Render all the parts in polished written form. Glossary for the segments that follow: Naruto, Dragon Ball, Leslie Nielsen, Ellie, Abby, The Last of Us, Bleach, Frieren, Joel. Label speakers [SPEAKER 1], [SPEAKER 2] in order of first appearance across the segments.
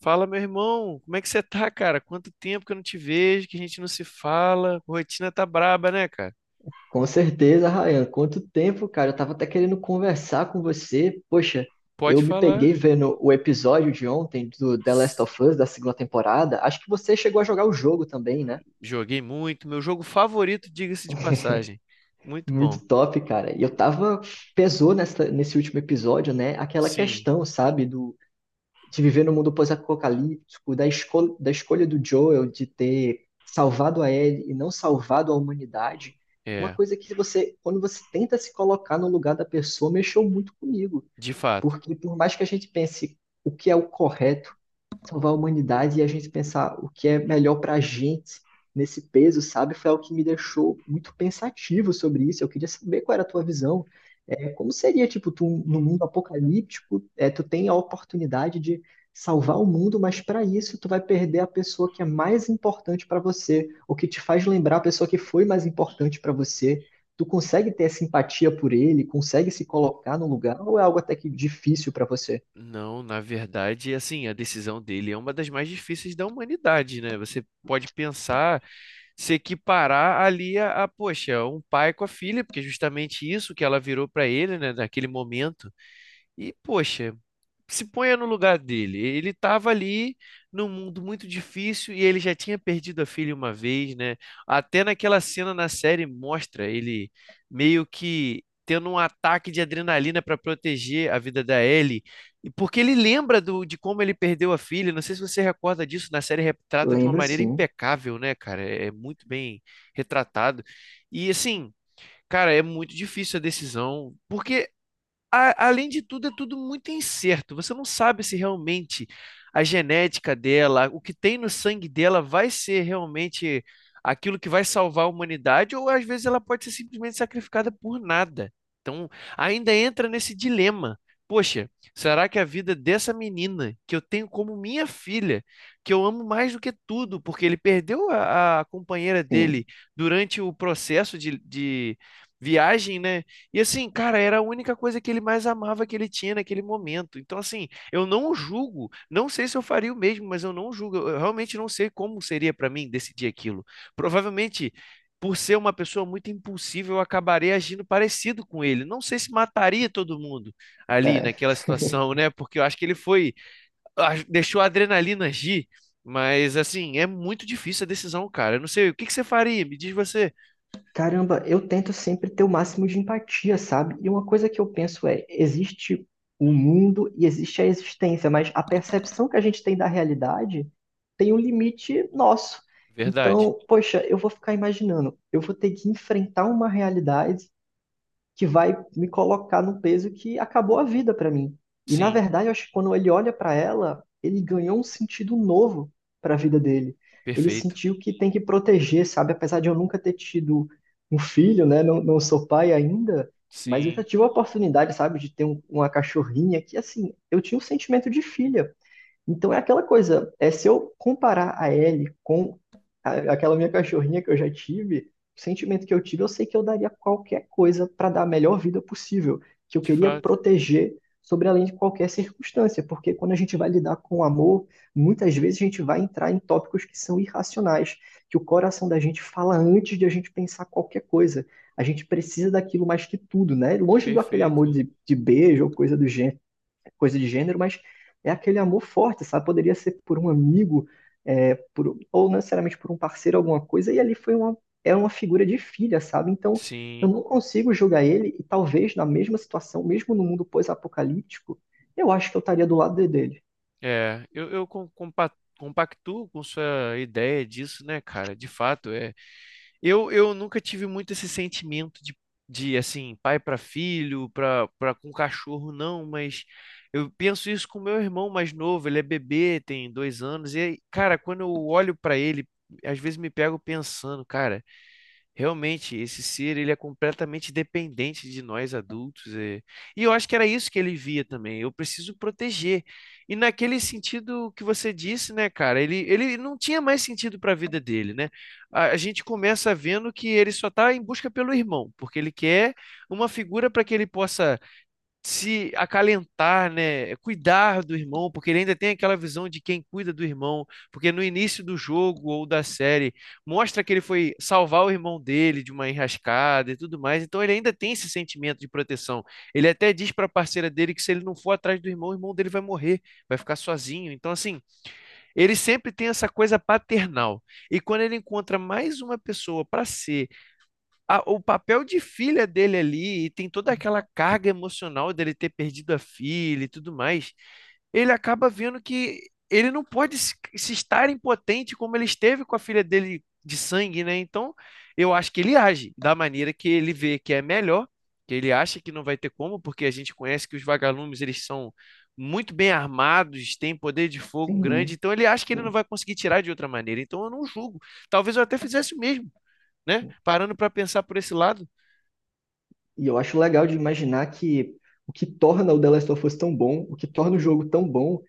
[SPEAKER 1] Fala, meu irmão, como é que você tá, cara? Quanto tempo que eu não te vejo, que a gente não se fala. Rotina tá braba, né, cara?
[SPEAKER 2] Com certeza, Ryan. Quanto tempo, cara. Eu tava até querendo conversar com você. Poxa, eu
[SPEAKER 1] Pode
[SPEAKER 2] me
[SPEAKER 1] falar.
[SPEAKER 2] peguei vendo o episódio de ontem do The Last of Us, da segunda temporada. Acho que você chegou a jogar o jogo também, né?
[SPEAKER 1] Joguei muito, meu jogo favorito, diga-se de passagem. Muito
[SPEAKER 2] Muito
[SPEAKER 1] bom.
[SPEAKER 2] top, cara. E eu tava. Pesou nesse último episódio, né? Aquela
[SPEAKER 1] Sim,
[SPEAKER 2] questão, sabe? Do de viver no mundo pós-apocalíptico, da escolha do Joel de ter salvado a Ellie e não salvado a humanidade, uma
[SPEAKER 1] é,
[SPEAKER 2] coisa que quando você tenta se colocar no lugar da pessoa, mexeu muito comigo.
[SPEAKER 1] de fato.
[SPEAKER 2] Porque por mais que a gente pense o que é o correto, salvar a humanidade e a gente pensar o que é melhor para a gente nesse peso, sabe? Foi algo que me deixou muito pensativo sobre isso. Eu queria saber qual era a tua visão. Como seria, tipo, tu, no mundo apocalíptico, tu tem a oportunidade de salvar o mundo, mas para isso tu vai perder a pessoa que é mais importante para você, ou que te faz lembrar a pessoa que foi mais importante para você. Tu consegue ter simpatia por ele? Consegue se colocar no lugar? Ou é algo até que difícil para você?
[SPEAKER 1] Não, na verdade, assim, a decisão dele é uma das mais difíceis da humanidade, né? Você pode pensar, se equiparar ali poxa, um pai com a filha, porque é justamente isso que ela virou para ele, né, naquele momento. E, poxa, se ponha no lugar dele. Ele estava ali num mundo muito difícil e ele já tinha perdido a filha uma vez, né? Até naquela cena na série mostra ele meio que tendo um ataque de adrenalina para proteger a vida da Ellie, e porque ele lembra de como ele perdeu a filha. Não sei se você recorda disso, na série retrata de uma
[SPEAKER 2] Lembro
[SPEAKER 1] maneira
[SPEAKER 2] sim,
[SPEAKER 1] impecável, né, cara? É, é muito bem retratado. E assim, cara, é muito difícil a decisão, porque além de tudo, é tudo muito incerto. Você não sabe se realmente a genética dela, o que tem no sangue dela, vai ser realmente aquilo que vai salvar a humanidade, ou às vezes ela pode ser simplesmente sacrificada por nada. Então, ainda entra nesse dilema. Poxa, será que a vida dessa menina, que eu tenho como minha filha, que eu amo mais do que tudo, porque ele perdeu a companheira
[SPEAKER 2] sim.
[SPEAKER 1] dele durante o processo de viagem, né? E assim, cara, era a única coisa que ele mais amava que ele tinha naquele momento. Então, assim, eu não julgo, não sei se eu faria o mesmo, mas eu não julgo, eu realmente não sei como seria para mim decidir aquilo. Provavelmente, por ser uma pessoa muito impulsiva, eu acabaria agindo parecido com ele. Não sei se mataria todo mundo ali
[SPEAKER 2] É,
[SPEAKER 1] naquela situação, né? Porque eu acho que ele foi, deixou a adrenalina agir, mas assim, é muito difícil a decisão, cara. Eu não sei, o que que você faria? Me diz você.
[SPEAKER 2] Caramba, eu tento sempre ter o máximo de empatia, sabe? E uma coisa que eu penso é, existe o mundo e existe a existência, mas a percepção que a gente tem da realidade tem um limite nosso.
[SPEAKER 1] Verdade.
[SPEAKER 2] Então, poxa, eu vou ficar imaginando, eu vou ter que enfrentar uma realidade que vai me colocar num peso que acabou a vida para mim. E na
[SPEAKER 1] Sim,
[SPEAKER 2] verdade, eu acho que quando ele olha para ela, ele ganhou um sentido novo para a vida dele. Ele
[SPEAKER 1] perfeito.
[SPEAKER 2] sentiu que tem que proteger, sabe? Apesar de eu nunca ter tido um filho, né? Não sou pai ainda, mas eu já
[SPEAKER 1] Sim.
[SPEAKER 2] tive a oportunidade, sabe, de ter uma cachorrinha que, assim, eu tinha um sentimento de filha. Então é aquela coisa, é se eu comparar a Ellie com aquela minha cachorrinha que eu já tive, o sentimento que eu tive, eu sei que eu daria qualquer coisa para dar a melhor vida possível, que eu
[SPEAKER 1] De
[SPEAKER 2] queria
[SPEAKER 1] fato,
[SPEAKER 2] proteger sobre além de qualquer circunstância, porque quando a gente vai lidar com o amor, muitas vezes a gente vai entrar em tópicos que são irracionais, que o coração da gente fala antes de a gente pensar qualquer coisa. A gente precisa daquilo mais que tudo, né? Longe do aquele amor
[SPEAKER 1] perfeito.
[SPEAKER 2] de beijo ou coisa do gênero coisa de gênero, mas é aquele amor forte, sabe? Poderia ser por um amigo, ou não necessariamente por um parceiro, alguma coisa, e ali foi uma figura de filha, sabe? Então, eu
[SPEAKER 1] Sim,
[SPEAKER 2] não consigo julgar ele, e talvez na mesma situação, mesmo no mundo pós-apocalíptico, eu acho que eu estaria do lado dele.
[SPEAKER 1] é, eu compactuo com sua ideia disso, né, cara? De fato, é. Eu nunca tive muito esse sentimento de assim, pai para filho, para com cachorro, não, mas eu penso isso com meu irmão mais novo, ele é bebê, tem 2 anos, e, aí, cara, quando eu olho para ele, às vezes me pego pensando, cara. Realmente, esse ser, ele é completamente dependente de nós adultos. É. E eu acho que era isso que ele via também. Eu preciso proteger. E naquele sentido que você disse, né, cara, ele não tinha mais sentido para a vida dele, né? A gente começa vendo que ele só está em busca pelo irmão, porque ele quer uma figura para que ele possa se acalentar, né? Cuidar do irmão, porque ele ainda tem aquela visão de quem cuida do irmão, porque no início do jogo ou da série mostra que ele foi salvar o irmão dele de uma enrascada e tudo mais, então ele ainda tem esse sentimento de proteção. Ele até diz para a parceira dele que se ele não for atrás do irmão, o irmão dele vai morrer, vai ficar sozinho. Então assim, ele sempre tem essa coisa paternal. E quando ele encontra mais uma pessoa para ser o papel de filha dele ali, e tem toda aquela carga emocional dele ter perdido a filha e tudo mais, ele acaba vendo que ele não pode se estar impotente como ele esteve com a filha dele de sangue, né? Então, eu acho que ele age da maneira que ele vê que é melhor, que ele acha que não vai ter como, porque a gente conhece que os vagalumes, eles são muito bem armados, têm poder de fogo grande,
[SPEAKER 2] Uhum,
[SPEAKER 1] então ele acha que ele não
[SPEAKER 2] uhum.
[SPEAKER 1] vai conseguir tirar de outra maneira. Então, eu não julgo. Talvez eu até fizesse o mesmo, né? Parando para pensar por esse lado.
[SPEAKER 2] E eu acho legal de imaginar que o que torna o The Last of Us tão bom, o que torna o jogo tão bom,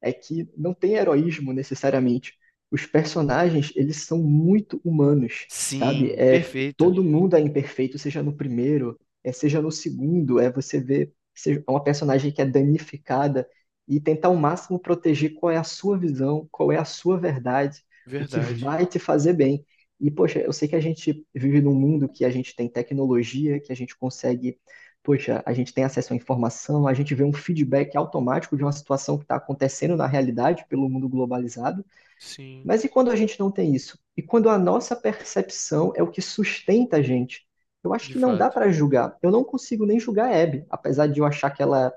[SPEAKER 2] é que não tem heroísmo necessariamente. Os personagens, eles são muito humanos, sabe?
[SPEAKER 1] Sim, perfeito.
[SPEAKER 2] Todo mundo é imperfeito, seja no primeiro, seja no segundo, é você ver é uma personagem que é danificada e tentar ao máximo proteger qual é a sua visão, qual é a sua verdade, o que
[SPEAKER 1] Verdade.
[SPEAKER 2] vai te fazer bem. E, poxa, eu sei que a gente vive num mundo que a gente tem tecnologia, que a gente consegue poxa, a gente tem acesso à informação, a gente vê um feedback automático de uma situação que está acontecendo na realidade pelo mundo globalizado.
[SPEAKER 1] Sim,
[SPEAKER 2] Mas e quando a gente não tem isso? E quando a nossa percepção é o que sustenta a gente? Eu acho
[SPEAKER 1] de
[SPEAKER 2] que não dá
[SPEAKER 1] fato.
[SPEAKER 2] para julgar. Eu não consigo nem julgar a Abby, apesar de eu achar que ela.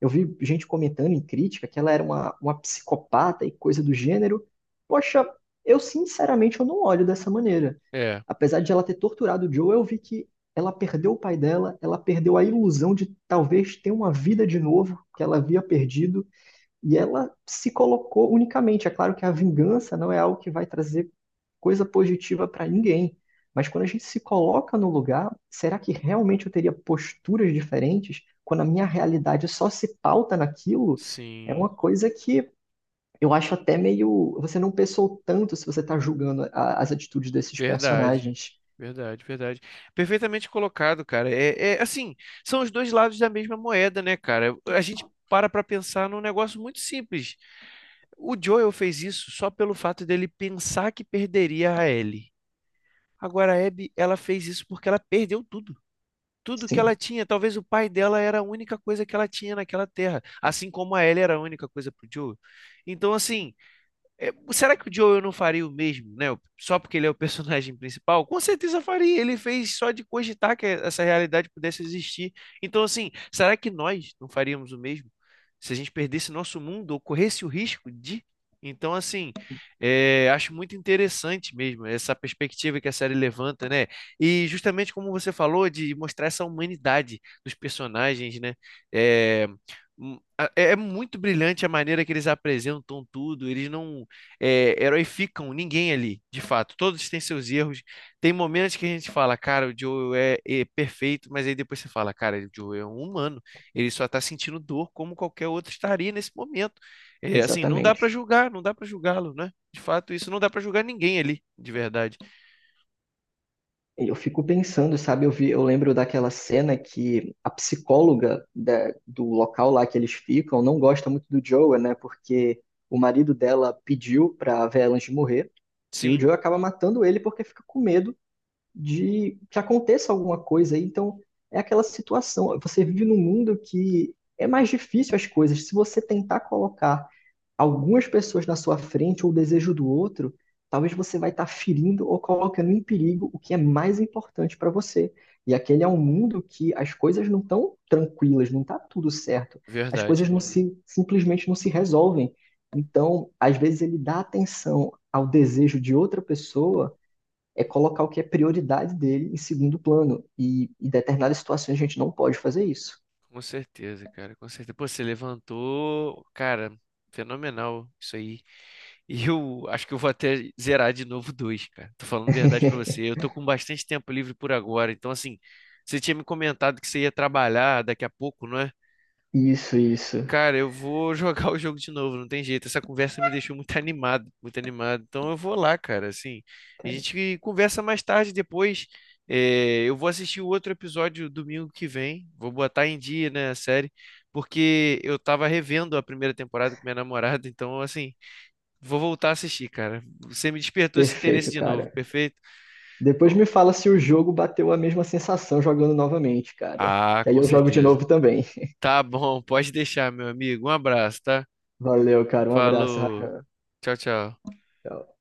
[SPEAKER 2] Eu vi gente comentando em crítica que ela era uma psicopata e coisa do gênero. Poxa, eu sinceramente eu não olho dessa maneira.
[SPEAKER 1] É,
[SPEAKER 2] Apesar de ela ter torturado o Joe, eu vi que ela perdeu o pai dela, ela perdeu a ilusão de talvez ter uma vida de novo que ela havia perdido, e ela se colocou unicamente. É claro que a vingança não é algo que vai trazer coisa positiva para ninguém, mas quando a gente se coloca no lugar, será que realmente eu teria posturas diferentes quando a minha realidade só se pauta naquilo? É uma
[SPEAKER 1] sim,
[SPEAKER 2] coisa que eu acho até meio. Você não pensou tanto se você está julgando as atitudes desses
[SPEAKER 1] verdade.
[SPEAKER 2] personagens.
[SPEAKER 1] Verdade, verdade. Perfeitamente colocado, cara. É, é assim, são os dois lados da mesma moeda, né, cara? A gente para pra pensar num negócio muito simples. O Joel fez isso só pelo fato dele pensar que perderia a Ellie. Agora a Abby, ela fez isso porque ela perdeu tudo. Tudo que ela
[SPEAKER 2] Sim.
[SPEAKER 1] tinha. Talvez o pai dela era a única coisa que ela tinha naquela terra, assim como a Ellie era a única coisa pro Joe. Então, assim, é, será que o Joel não faria o mesmo, né? Só porque ele é o personagem principal? Com certeza faria. Ele fez só de cogitar que essa realidade pudesse existir. Então, assim, será que nós não faríamos o mesmo? Se a gente perdesse nosso mundo ou corresse o risco de. Então, assim, é, acho muito interessante mesmo essa perspectiva que a série levanta, né? E justamente como você falou, de mostrar essa humanidade dos personagens, né? É, é muito brilhante a maneira que eles apresentam tudo. Eles não é, heroificam ninguém ali, de fato. Todos têm seus erros. Tem momentos que a gente fala, cara, o Joel é, é perfeito, mas aí depois você fala, cara, o Joel é um humano. Ele só tá sentindo dor como qualquer outro estaria nesse momento. É, assim, não dá
[SPEAKER 2] Exatamente.
[SPEAKER 1] pra julgar, não dá pra julgá-lo, né? De fato, isso não dá pra julgar ninguém ali, de verdade.
[SPEAKER 2] Eu fico pensando, sabe? Eu vi, eu lembro daquela cena que a psicóloga do local lá que eles ficam não gosta muito do Joe, né? Porque o marido dela pediu pra Velange morrer e o
[SPEAKER 1] Sim,
[SPEAKER 2] Joe acaba matando ele porque fica com medo de que aconteça alguma coisa aí. Então, é aquela situação. Você vive num mundo que é mais difícil as coisas. Se você tentar colocar algumas pessoas na sua frente ou o desejo do outro, talvez você vai estar ferindo ou colocando em perigo o que é mais importante para você. E aquele é um mundo que as coisas não estão tranquilas, não está tudo certo. As
[SPEAKER 1] verdade.
[SPEAKER 2] coisas não se simplesmente não se resolvem. Então, às vezes ele dá atenção ao desejo de outra pessoa é colocar o que é prioridade dele em segundo plano. E em determinadas situações a gente não pode fazer isso.
[SPEAKER 1] Com certeza, cara, com certeza. Pô, você levantou, cara, fenomenal isso aí. E eu acho que eu vou até zerar de novo dois, cara. Tô falando a verdade pra você. Eu tô com bastante tempo livre por agora. Então, assim, você tinha me comentado que você ia trabalhar daqui a pouco, não é?
[SPEAKER 2] Isso, isso.
[SPEAKER 1] Cara, eu vou jogar o jogo de novo, não tem jeito. Essa conversa me deixou muito animado, muito animado. Então eu vou lá, cara, assim. A
[SPEAKER 2] Cara,
[SPEAKER 1] gente conversa mais tarde depois. É, eu vou assistir o outro episódio domingo que vem. Vou botar em dia, né, a série, porque eu tava revendo a primeira temporada com minha namorada, então assim, vou voltar a assistir, cara. Você me despertou esse interesse
[SPEAKER 2] perfeito,
[SPEAKER 1] de novo,
[SPEAKER 2] cara.
[SPEAKER 1] perfeito?
[SPEAKER 2] Depois me
[SPEAKER 1] Então,
[SPEAKER 2] fala se o jogo bateu a mesma sensação jogando novamente, cara.
[SPEAKER 1] ah,
[SPEAKER 2] Que aí
[SPEAKER 1] com
[SPEAKER 2] eu jogo de
[SPEAKER 1] certeza.
[SPEAKER 2] novo também.
[SPEAKER 1] Tá bom, pode deixar, meu amigo. Um abraço, tá?
[SPEAKER 2] Valeu, cara. Um abraço.
[SPEAKER 1] Falou. Tchau, tchau.
[SPEAKER 2] Rafael.